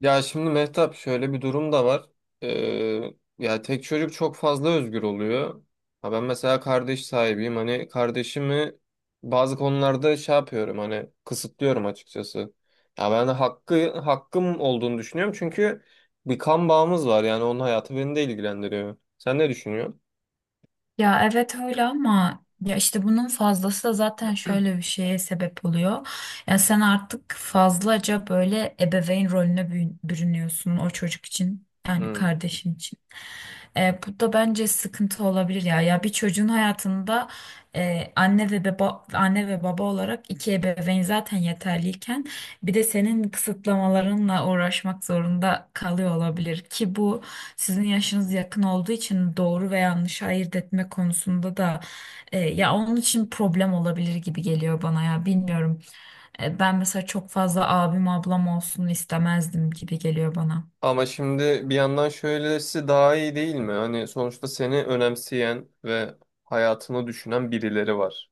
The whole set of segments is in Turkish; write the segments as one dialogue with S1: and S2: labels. S1: Ya şimdi Mehtap şöyle bir durum da var. Ee, ya tek çocuk çok fazla özgür oluyor. Ha ben mesela kardeş sahibiyim. Hani kardeşimi bazı konularda şey yapıyorum hani kısıtlıyorum açıkçası. Ya ben de hakkım olduğunu düşünüyorum çünkü bir kan bağımız var yani onun hayatı beni de ilgilendiriyor. Sen ne düşünüyorsun?
S2: Ya evet öyle ama ya işte bunun fazlası da zaten şöyle bir şeye sebep oluyor. Ya sen artık fazlaca böyle ebeveyn rolüne bürünüyorsun o çocuk için, yani
S1: Hmm.
S2: kardeşin için. Bu da bence sıkıntı olabilir ya. Ya bir çocuğun hayatında anne ve baba, anne ve baba olarak iki ebeveyn zaten yeterliyken bir de senin kısıtlamalarınla uğraşmak zorunda kalıyor olabilir ki bu, sizin yaşınız yakın olduğu için doğru ve yanlış ayırt etme konusunda da ya onun için problem olabilir gibi geliyor bana, ya bilmiyorum. Ben mesela çok fazla abim ablam olsun istemezdim gibi geliyor bana.
S1: Ama şimdi bir yandan şöylesi daha iyi değil mi? Hani sonuçta seni önemseyen ve hayatını düşünen birileri var.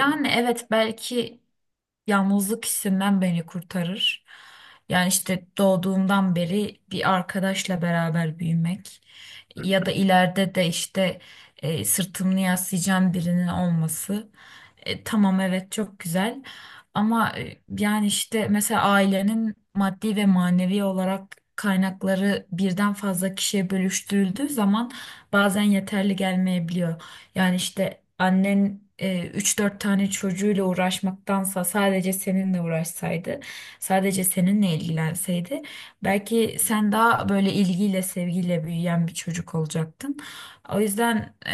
S1: Yani
S2: evet, belki yalnızlık hissinden beni kurtarır. Yani işte doğduğumdan beri bir arkadaşla beraber büyümek ya da ileride de sırtımı yaslayacağım birinin olması. Tamam, evet, çok güzel ama yani işte mesela ailenin maddi ve manevi olarak kaynakları birden fazla kişiye bölüştürüldüğü zaman bazen yeterli gelmeyebiliyor. Yani işte annen üç dört tane çocuğuyla uğraşmaktansa sadece seninle uğraşsaydı, sadece seninle ilgilenseydi, belki sen daha böyle ilgiyle, sevgiyle büyüyen bir çocuk olacaktın. O yüzden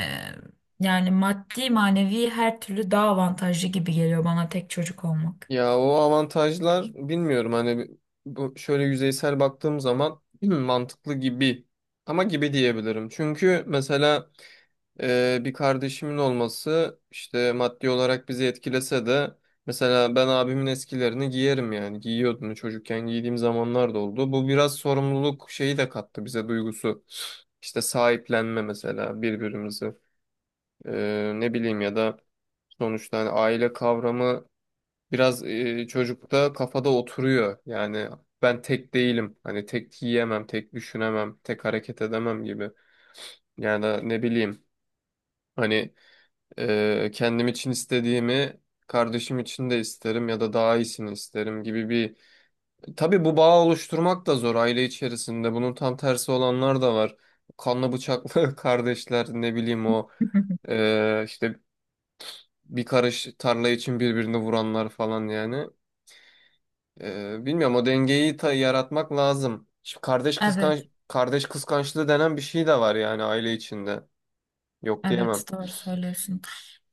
S2: yani maddi, manevi her türlü daha avantajlı gibi geliyor bana tek çocuk olmak.
S1: ya o avantajlar bilmiyorum hani bu şöyle yüzeysel baktığım zaman hmm, mantıklı gibi ama gibi diyebilirim. Çünkü mesela bir kardeşimin olması işte maddi olarak bizi etkilese de mesela ben abimin eskilerini giyerim yani giyiyordum çocukken giydiğim zamanlar da oldu. Bu biraz sorumluluk şeyi de kattı bize duygusu. İşte sahiplenme mesela birbirimizi. Ne bileyim ya da sonuçta hani aile kavramı biraz çocukta kafada oturuyor. Yani ben tek değilim. Hani tek yiyemem, tek düşünemem, tek hareket edemem gibi. Yani da ne bileyim hani kendim için istediğimi kardeşim için de isterim ya da daha iyisini isterim gibi bir... Tabii bu bağ oluşturmak da zor aile içerisinde. Bunun tam tersi olanlar da var. Kanlı bıçaklı kardeşler ne bileyim o işte bir karış tarla için birbirini vuranlar falan yani. Bilmiyorum o dengeyi yaratmak lazım. Şimdi kardeş kıskanç
S2: Evet.
S1: kardeş kıskançlığı denen bir şey de var yani aile içinde. Yok
S2: Evet,
S1: diyemem.
S2: doğru söylüyorsun.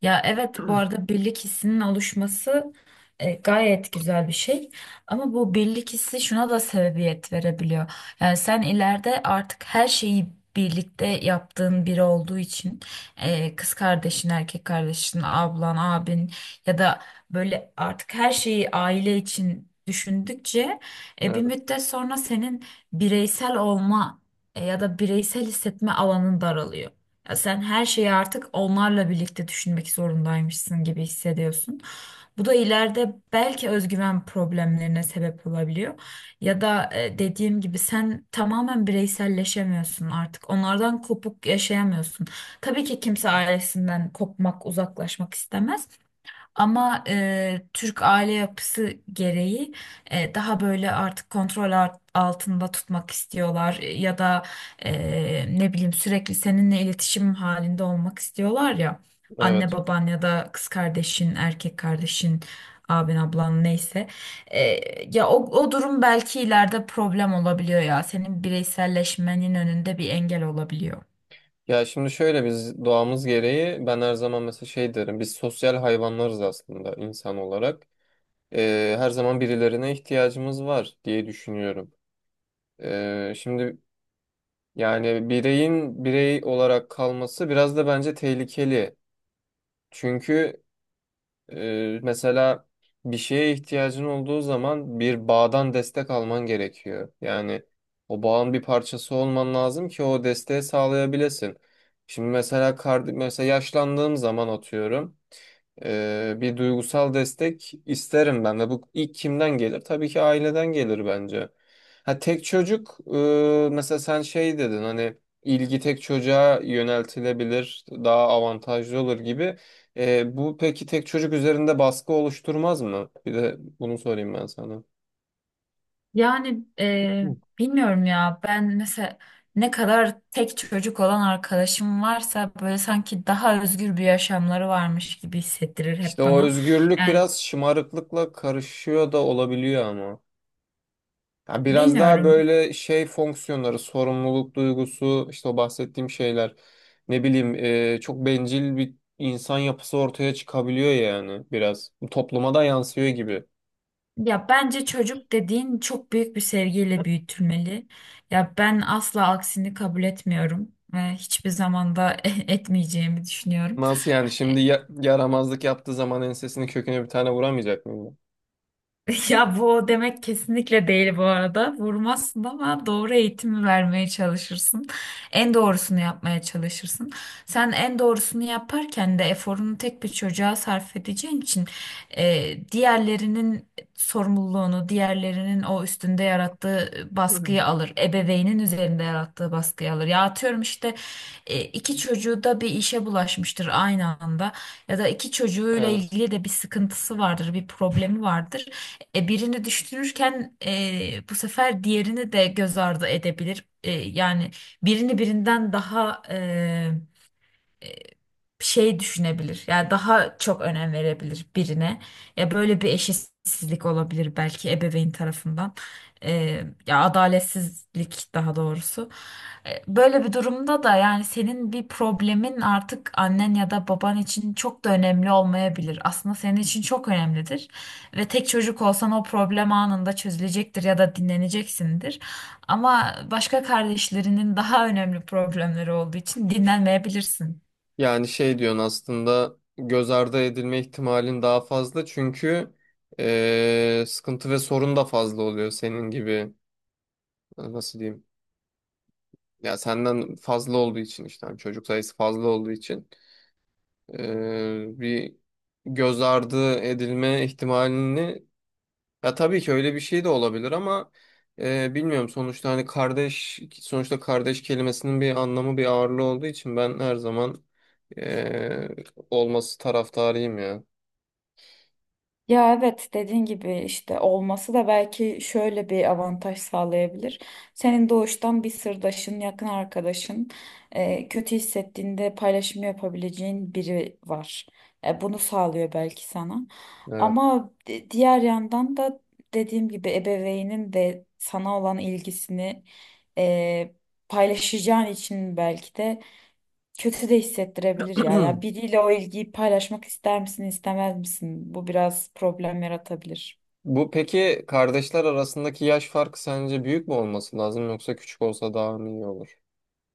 S2: Ya evet, bu arada birlik hissinin oluşması gayet güzel bir şey. Ama bu birlik hissi şuna da sebebiyet verebiliyor. Yani sen ileride artık her şeyi birlikte yaptığın biri olduğu için, kız kardeşin, erkek kardeşin, ablan, abin ya da böyle, artık her şeyi aile için düşündükçe bir
S1: Evet,
S2: müddet sonra senin bireysel olma, ya da bireysel hissetme alanın daralıyor. Ya sen her şeyi artık onlarla birlikte düşünmek zorundaymışsın gibi hissediyorsun. Bu da ileride belki özgüven problemlerine sebep olabiliyor. Ya da dediğim gibi, sen tamamen bireyselleşemiyorsun artık. Onlardan kopuk yaşayamıyorsun. Tabii ki kimse ailesinden kopmak, uzaklaşmak istemez. Ama Türk aile yapısı gereği daha böyle artık kontrol altında tutmak istiyorlar. Ya da ne bileyim, sürekli seninle iletişim halinde olmak istiyorlar ya. Anne
S1: evet.
S2: baban ya da kız kardeşin, erkek kardeşin, abin ablan, neyse. E, Ya o durum belki ileride problem olabiliyor ya. Senin bireyselleşmenin önünde bir engel olabiliyor.
S1: Ya şimdi şöyle biz doğamız gereği ben her zaman mesela şey derim biz sosyal hayvanlarız aslında insan olarak. Her zaman birilerine ihtiyacımız var diye düşünüyorum. Şimdi yani bireyin birey olarak kalması biraz da bence tehlikeli. Çünkü mesela bir şeye ihtiyacın olduğu zaman bir bağdan destek alman gerekiyor. Yani o bağın bir parçası olman lazım ki o desteği sağlayabilesin. Şimdi mesela mesela yaşlandığım zaman atıyorum bir duygusal destek isterim ben de. Bu ilk kimden gelir? Tabii ki aileden gelir bence. Ha tek çocuk mesela sen şey dedin hani ilgi tek çocuğa yöneltilebilir daha avantajlı olur gibi. Bu peki tek çocuk üzerinde baskı oluşturmaz mı? Bir de bunu sorayım ben sana.
S2: Yani
S1: Hı.
S2: bilmiyorum ya, ben mesela ne kadar tek çocuk olan arkadaşım varsa böyle sanki daha özgür bir yaşamları varmış gibi hissettirir
S1: İşte
S2: hep
S1: o
S2: bana.
S1: özgürlük
S2: Yani
S1: biraz şımarıklıkla karışıyor da olabiliyor ama. Ya biraz daha
S2: bilmiyorum,
S1: böyle şey fonksiyonları, sorumluluk duygusu, işte o bahsettiğim şeyler. Ne bileyim, çok bencil bir insan yapısı ortaya çıkabiliyor yani biraz. Topluma da yansıyor gibi.
S2: ya bence çocuk dediğin çok büyük bir sevgiyle büyütülmeli. Ya ben asla aksini kabul etmiyorum. Hiçbir zamanda etmeyeceğimi düşünüyorum.
S1: Nasıl yani şimdi yaramazlık yaptığı zaman ensesini köküne bir tane vuramayacak mıyım?
S2: Ya bu demek kesinlikle değil bu arada. Vurmazsın ama doğru eğitimi vermeye çalışırsın. En doğrusunu yapmaya çalışırsın. Sen en doğrusunu yaparken de eforunu tek bir çocuğa sarf edeceğin için diğerlerinin sorumluluğunu, diğerlerinin o üstünde yarattığı baskıyı alır. Ebeveynin üzerinde yarattığı baskıyı alır. Ya atıyorum işte, iki çocuğu da bir işe bulaşmıştır aynı anda, ya da iki çocuğuyla
S1: Evet.
S2: ilgili de bir sıkıntısı vardır, bir problemi vardır. Birini düşünürken bu sefer diğerini de göz ardı edebilir. Yani birini birinden daha şey düşünebilir. Yani daha çok önem verebilir birine. Ya böyle bir eşitsizlik olabilir belki ebeveyn tarafından. Ya adaletsizlik daha doğrusu. Böyle bir durumda da yani senin bir problemin artık annen ya da baban için çok da önemli olmayabilir. Aslında senin için çok önemlidir. Ve tek çocuk olsan o problem anında çözülecektir ya da dinleneceksindir. Ama başka kardeşlerinin daha önemli problemleri olduğu için dinlenmeyebilirsin.
S1: Yani şey diyorsun aslında göz ardı edilme ihtimalin daha fazla çünkü sıkıntı ve sorun da fazla oluyor senin gibi, nasıl diyeyim, ya senden fazla olduğu için işte hani çocuk sayısı fazla olduğu için bir göz ardı edilme ihtimalini. Ya tabii ki öyle bir şey de olabilir ama bilmiyorum sonuçta hani kardeş kelimesinin bir anlamı bir ağırlığı olduğu için ben her zaman eee, olması taraftarıyım ya.
S2: Ya evet, dediğin gibi işte olması da belki şöyle bir avantaj sağlayabilir. Senin doğuştan bir sırdaşın, yakın arkadaşın, kötü hissettiğinde paylaşım yapabileceğin biri var. Bunu sağlıyor belki sana.
S1: Evet.
S2: Ama diğer yandan da dediğim gibi, ebeveynin de sana olan ilgisini e, paylaşacağın için belki de kötü de hissettirebilir ya. Ya biriyle o ilgiyi paylaşmak ister misin, istemez misin? Bu biraz problem yaratabilir.
S1: Bu peki kardeşler arasındaki yaş farkı sence büyük mü olması lazım yoksa küçük olsa daha mı iyi olur?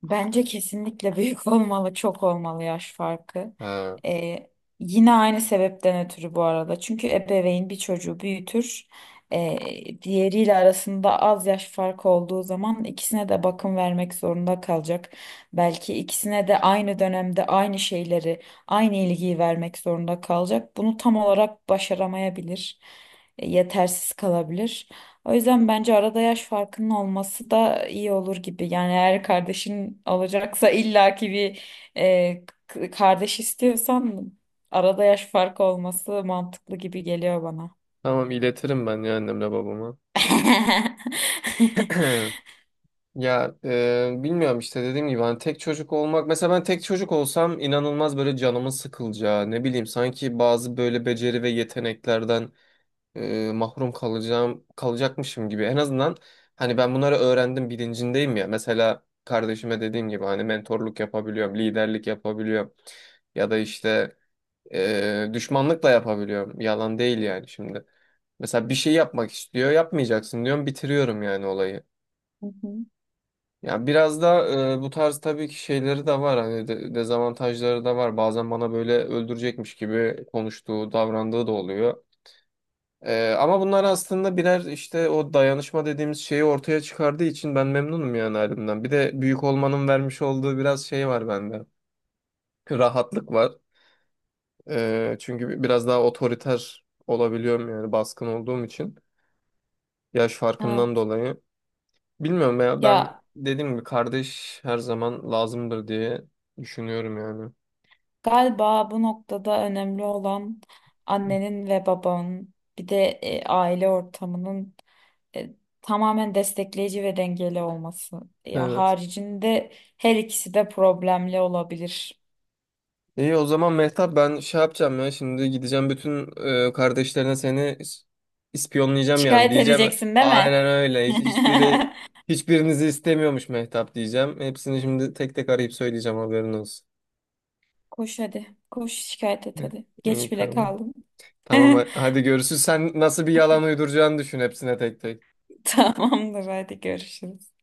S2: Bence kesinlikle büyük olmalı, çok olmalı yaş farkı.
S1: Ha.
S2: Ee, Yine aynı sebepten ötürü bu arada. Çünkü ebeveyn bir çocuğu büyütür. Diğeriyle arasında az yaş farkı olduğu zaman ikisine de bakım vermek zorunda kalacak. Belki ikisine de aynı dönemde aynı şeyleri, aynı ilgiyi vermek zorunda kalacak. Bunu tam olarak başaramayabilir, yetersiz kalabilir. O yüzden bence arada yaş farkının olması da iyi olur gibi. Yani eğer kardeşin alacaksa, illaki bir kardeş istiyorsan, arada yaş farkı olması mantıklı gibi geliyor bana.
S1: Tamam iletirim ben ya annemle babama. Ya bilmiyorum işte dediğim gibi hani tek çocuk olmak, mesela ben tek çocuk olsam inanılmaz böyle canımın sıkılacağı, ne bileyim, sanki bazı böyle beceri ve yeteneklerden mahrum kalacakmışım gibi. En azından hani ben bunları öğrendim bilincindeyim ya. Mesela kardeşime dediğim gibi hani mentorluk yapabiliyorum, liderlik yapabiliyorum ya da işte düşmanlık da yapabiliyorum. Yalan değil yani şimdi. Mesela bir şey yapmak istiyor, yapmayacaksın diyorum, bitiriyorum yani olayı.
S2: Hı hı.
S1: Ya biraz da bu tarz tabii ki şeyleri de var hani dezavantajları da var. Bazen bana böyle öldürecekmiş gibi konuştuğu, davrandığı da oluyor. Ama bunlar aslında birer işte o dayanışma dediğimiz şeyi ortaya çıkardığı için ben memnunum yani halimden. Bir de büyük olmanın vermiş olduğu biraz şey var bende. Rahatlık var. Çünkü biraz daha otoriter olabiliyorum yani baskın olduğum için. Yaş farkından
S2: Evet.
S1: dolayı. Bilmiyorum ya ben
S2: Ya
S1: dediğim gibi kardeş her zaman lazımdır diye düşünüyorum yani.
S2: galiba bu noktada önemli olan annenin ve babanın, bir de aile ortamının e, tamamen destekleyici ve dengeli olması. Ya
S1: Evet.
S2: haricinde her ikisi de problemli olabilir.
S1: İyi o zaman Mehtap ben şey yapacağım ya şimdi gideceğim bütün kardeşlerine seni ispiyonlayacağım yani
S2: Şikayet
S1: diyeceğim
S2: edeceksin değil mi?
S1: aynen öyle. Hiçbiri hiçbirinizi istemiyormuş Mehtap diyeceğim. Hepsini şimdi tek tek arayıp söyleyeceğim haberin olsun.
S2: Koş hadi. Koş şikayet et hadi.
S1: İyi
S2: Geç bile
S1: tamam.
S2: kaldım.
S1: Tamam hadi görüşürüz. Sen nasıl bir yalan uyduracağını düşün hepsine tek tek.
S2: Tamamdır, hadi görüşürüz.